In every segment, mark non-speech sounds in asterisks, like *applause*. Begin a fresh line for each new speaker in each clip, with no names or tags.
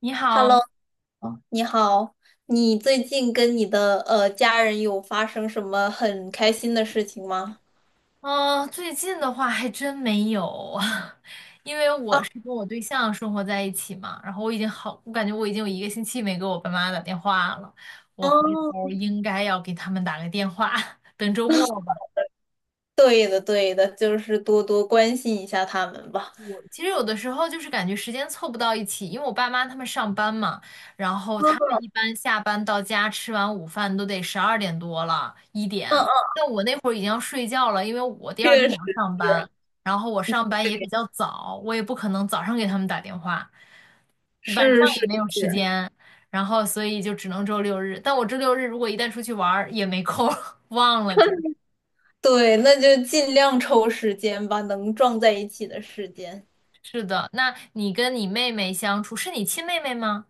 你好，
Hello，啊你好，你最近跟你的家人有发生什么很开心的事情吗？
嗯、最近的话还真没有，*laughs* 因为
啊，
我是跟我对象生活在一起嘛，然后我感觉我已经有一个星期没给我爸妈打电话了，我回
哦，
头儿应该要给他们打个电话，*laughs* 等周末吧。
对的，对的，就是多多关心一下他们吧。
我其实有的时候就是感觉时间凑不到一起，因为我爸妈他们上班嘛，然后他
嗯
们一般下班到家吃完午饭都得12点多了，一
嗯
点。
嗯，
但我那会儿已经要睡觉了，因为我第二天
确
也
实
要上班，
是，
然后我上
*laughs*
班也比
对，
较早，我也不可能早上给他们打电话，晚上
是是
也没有时
是，
间，然后所以就只能周六日。但我周六日如果一旦出去玩儿也没空儿 *laughs* 忘了就。
对，那就尽量抽时间吧，能撞在一起的时间。
是的，那你跟你妹妹相处，是你亲妹妹吗？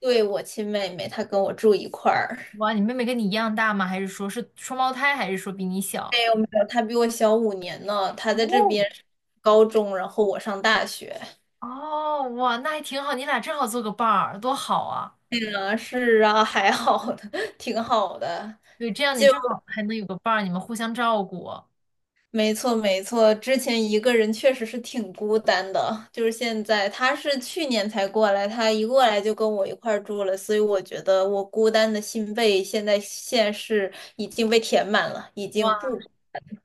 对，我亲妹妹，她跟我住一块儿。
哇，你妹妹跟你一样大吗？还是说是双胞胎，还是说比你
没
小？
有没有，她比我小5年呢，她在这
哦，
边上高中，然后我上大学。
哦，哇，那还挺好，你俩正好做个伴儿，多好啊！
啊，是啊，*laughs* 还好的，*laughs* 挺好的。
对，这样你
就
正好还能有个伴儿，你们互相照顾，
没错没错，之前一个人确实是挺孤单的，就是现在他是去年才过来，他一过来就跟我一块儿住了，所以我觉得我孤单的心被现在是已经被填满了，已
哇，
经不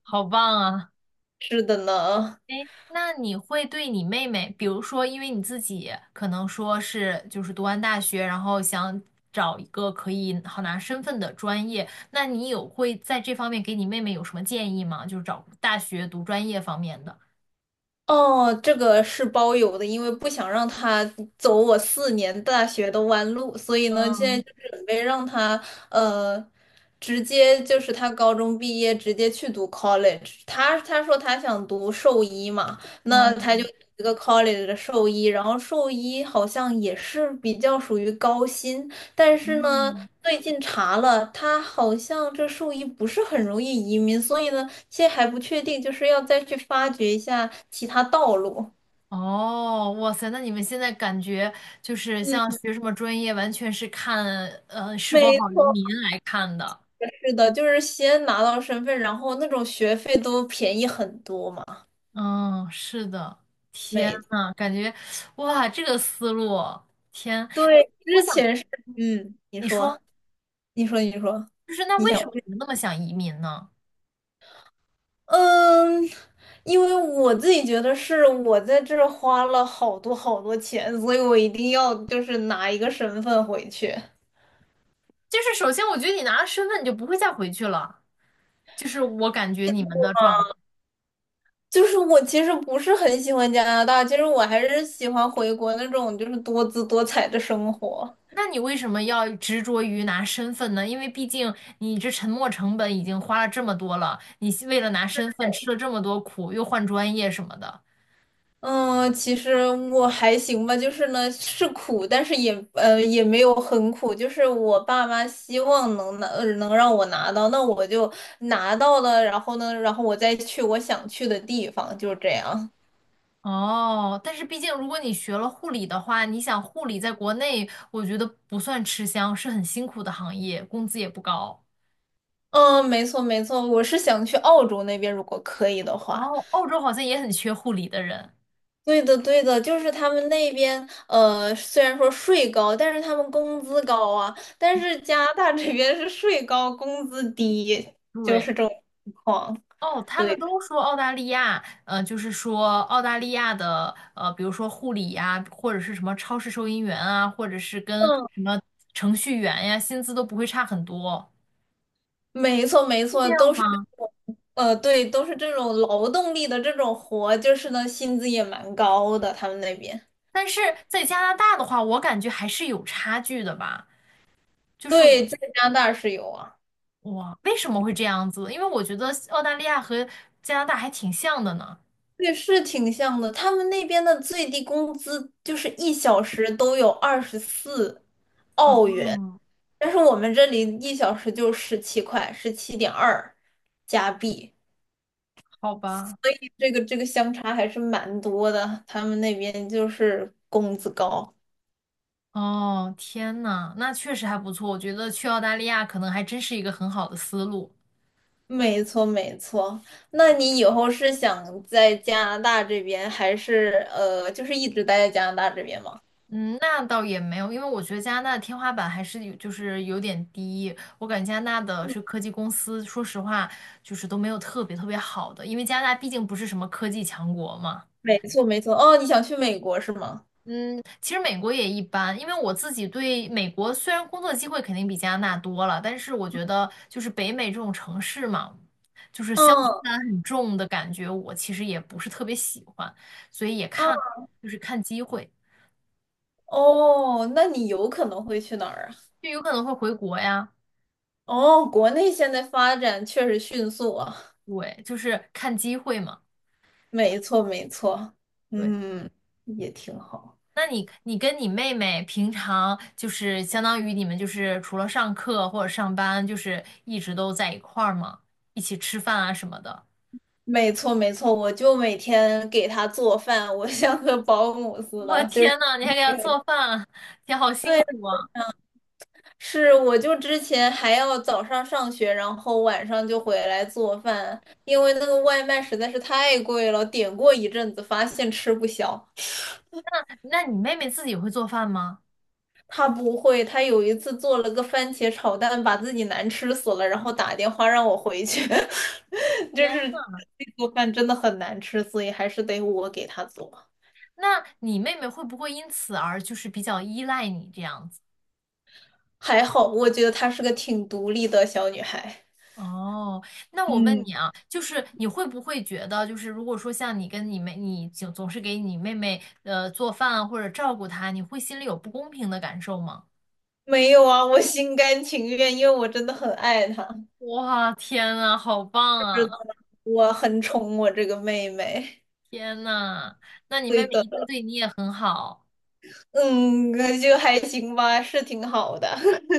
好棒啊！
是的呢。
哎，那你会对你妹妹，比如说，因为你自己可能说是就是读完大学，然后想找一个可以好拿身份的专业，那你有会在这方面给你妹妹有什么建议吗？就是找大学读专业方面的。
哦，这个是包邮的，因为不想让他走我4年大学的弯路，所以呢，现在
嗯
就准备让他呃，直接就是他高中毕业直接去读 college。他说他想读兽医嘛，那
嗯，
他就读一个 college 的兽医，然后兽医好像也是比较属于高薪，但是呢，
嗯，
最近查了，他好像这兽医不是很容易移民，所以呢。现在还不确定，就是要再去发掘一下其他道路。
哦，哇塞，那你们现在感觉就是像
嗯，
学什么专业，完全是看是否
没
好移
错，
民来看的。
是的，就是先拿到身份，然后那种学费都便宜很多嘛。
嗯，是的，天
没，
呐，感觉哇，这个思路，天，哎，
对，
我
之
想，
前是，
嗯
嗯，你
你
说，
说，
你说，你说，
就是那
你
为
想，
什么你们那么想移民呢？
嗯，因为我自己觉得是我在这儿花了好多好多钱，所以我一定要就是拿一个身份回去。
就是首先，我觉得你拿了身份，你就不会再回去了，就是我感觉你们的状态。
就是我其实不是很喜欢加拿大，其实我还是喜欢回国那种就是多姿多彩的生活。
那你为什么要执着于拿身份呢？因为毕竟你这沉没成本已经花了这么多了，你为了拿身份吃了这么多苦，又换专业什么的。
嗯，其实我还行吧，就是呢是苦，但是也也没有很苦，就是我爸妈希望能拿能让我拿到，那我就拿到了，然后呢，然后我再去我想去的地方，就是这样。
哦，但是毕竟如果你学了护理的话，你想护理在国内，我觉得不算吃香，是很辛苦的行业，工资也不高。
嗯，没错没错，我是想去澳洲那边，如果可以的话。
哦，澳洲好像也很缺护理的人。
对的，对的，就是他们那边，虽然说税高，但是他们工资高啊。但是加拿大这边是税高，工资低，就
对。
是这种情况。
哦，他们
对，
都说澳大利亚，就是说澳大利亚的，比如说护理呀、或者是什么超市收银员啊，或者是跟
嗯，
什么程序员呀，薪资都不会差很多，
没错，没
是这
错，
样
都是，
吗？
对，都是这种劳动力的这种活，就是呢，薪资也蛮高的，他们那边。
但是在加拿大的话，我感觉还是有差距的吧。就是
对，在加拿大是有啊，
哇，为什么会这样子？因为我觉得澳大利亚和加拿大还挺像的呢。
对，是挺像的。他们那边的最低工资就是一小时都有24澳元。
嗯，
但是我们这里一小时就十七块，17.2加币，
好吧。
所以这个相差还是蛮多的。他们那边就是工资高，
哦，天呐，那确实还不错。我觉得去澳大利亚可能还真是一个很好的思路。
没错没错。那你以后是想在加拿大这边，还是就是一直待在加拿大这边吗？
嗯，那倒也没有，因为我觉得加拿大的天花板还是有，就是有点低。我感觉加拿大的是科技公司，说实话，就是都没有特别特别好的，因为加拿大毕竟不是什么科技强国嘛。
没错没错。哦，你想去美国是吗？
嗯，其实美国也一般，因为我自己对美国虽然工作机会肯定比加拿大多了，但是我觉得就是北美这种城市嘛，就是乡村
嗯
感很重的感觉，我其实也不是特别喜欢，所以也
嗯
看，就是看机会，
哦，那你有可能会去哪儿啊？
就有可能会回国呀。
哦，国内现在发展确实迅速啊。
对，就是看机会嘛。
没错，没错，
对，
嗯，也挺好。
那你跟你妹妹平常就是相当于你们就是除了上课或者上班，就是一直都在一块儿吗？一起吃饭啊什么的。
没错，没错，我就每天给他做饭，我 *laughs* 像个保姆似
我
的，就是
天呐，你还给她做饭，天，好辛苦啊！
是，我就之前还要早上上学，然后晚上就回来做饭，因为那个外卖实在是太贵了，点过一阵子，发现吃不消。
那你妹妹自己会做饭吗？
他不会，他有一次做了个番茄炒蛋，把自己难吃死了，然后打电话让我回去，*laughs* 就
天，
是做饭真的很难吃，所以还是得我给他做。
那你妹妹会不会因此而就是比较依赖你这样子？
还好，我觉得她是个挺独立的小女孩。
哦，那我问
嗯，
你啊，就是你会不会觉得，就是如果说像你跟你妹，你总是给你妹妹做饭啊或者照顾她，你会心里有不公平的感受吗？
没有啊，我心甘情愿，因为我真的很爱她，
哇，天呐，好棒啊！
是我很宠我这个妹妹。
天呐，那你妹
对
妹一定
的，
对你也很好。
嗯，就还行吧，是挺好的。*laughs*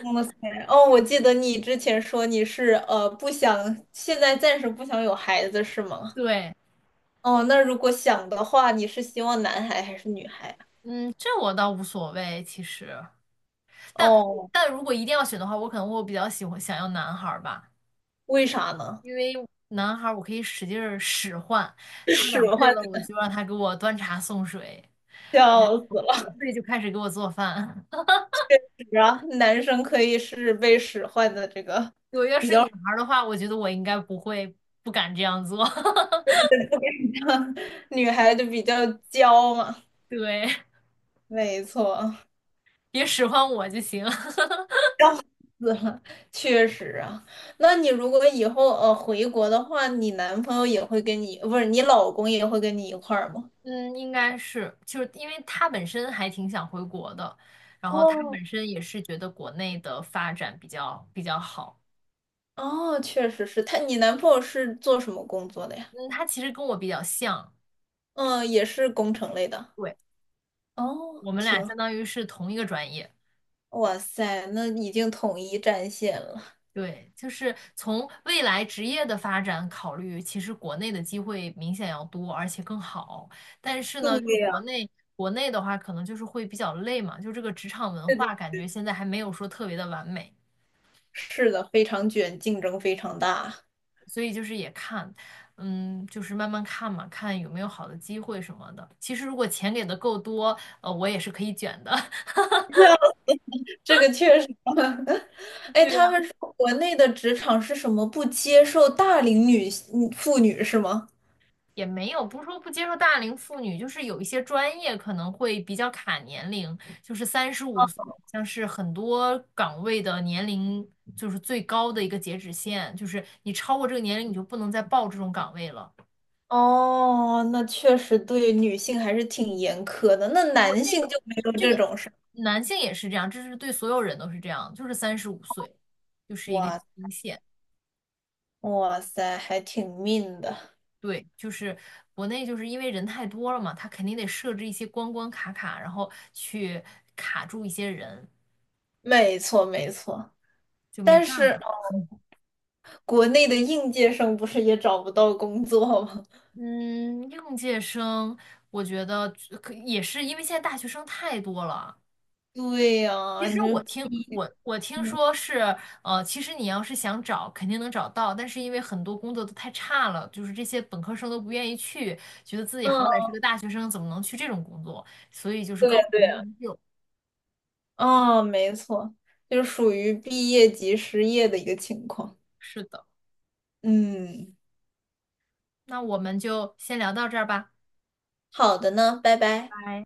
哇塞，哦，我记得你之前说你是不想，现在暂时不想有孩子是吗？
对，
哦，那如果想的话，你是希望男孩还是女孩啊？
嗯，这我倒无所谓，其实，但
哦，
但如果一定要选的话，我可能我比较喜欢想要男孩儿吧，
为啥呢？
因为男孩儿我可以使劲儿使唤，
*laughs*
他
使
2岁
唤，
了，我就让他给我端茶送水。
笑死了。
所以就开始给我做饭。*laughs*
然后男生可以是被使唤的这个，
我要是女孩的话，我觉得我应该不会不敢这样做。*laughs*
*laughs* 女孩就比较娇嘛，
对，
没错，
别使唤我就行。*laughs*
笑死了，确实啊。那你如果以后回国的话，你男朋友也会跟你，不是你老公也会跟你一块儿吗？
嗯，应该是，就是因为他本身还挺想回国的，然后他
哦，
本身也是觉得国内的发展比较好。
哦，确实是他，你男朋友是做什么工作的呀？
嗯，他其实跟我比较像，
嗯，也是工程类的。
对，
哦，
我们俩
挺
相
好
当于是同一个专业。
哇塞，那已经统一战线了。
对，就是从未来职业的发展考虑，其实国内的机会明显要多，而且更好。但是
对
呢，就是国
呀，
内国内的话，可能就是会比较累嘛，就这个职场文
是的，
化感觉现在还没有说特别的完美，
是的，非常卷，竞争非常大。
所以就是也看，嗯，就是慢慢看嘛，看有没有好的机会什么的。其实如果钱给的够多，我也是可以卷的。
*laughs* 这个确实，*laughs* 哎，他
*laughs*
们说国内的职场是什么不接受大龄女性妇女是吗？
也没有，不是说不接受大龄妇女，就是有一些专业可能会比较卡年龄，就是三十五，像是很多岗位的年龄就是最高的一个截止线，就是你超过这个年龄，你就不能再报这种岗位了。
哦，那确实对女性还是挺严苛的。那
我
男
这
性
个
就没有
这
这
个
种事儿
男性也是这样，这是对所有人都是这样，就是35岁，就是一个
哇
底线。
哇塞，还挺命的。
对，就是国内就是因为人太多了嘛，他肯定得设置一些关关卡卡，然后去卡住一些人。
没错没错，
就没
但
办
是
法。*laughs*
国内的应届生不是也找不到工作吗？
嗯，应届生，我觉得可也是因为现在大学生太多了。
*laughs* 对呀、你就
我听
嗯
说是，其实你要是想找，肯定能找到，但是因为很多工作都太差了，就是这些本科生都不愿意去，觉得自己好歹
嗯，
是个大学生，怎么能去这种工作？所以就是
对
高不
对。
成低不就。
哦，没错，就是属于毕业即失业的一个情况。
是的，
嗯，
那我们就先聊到这儿吧，
好的呢，拜拜。
拜。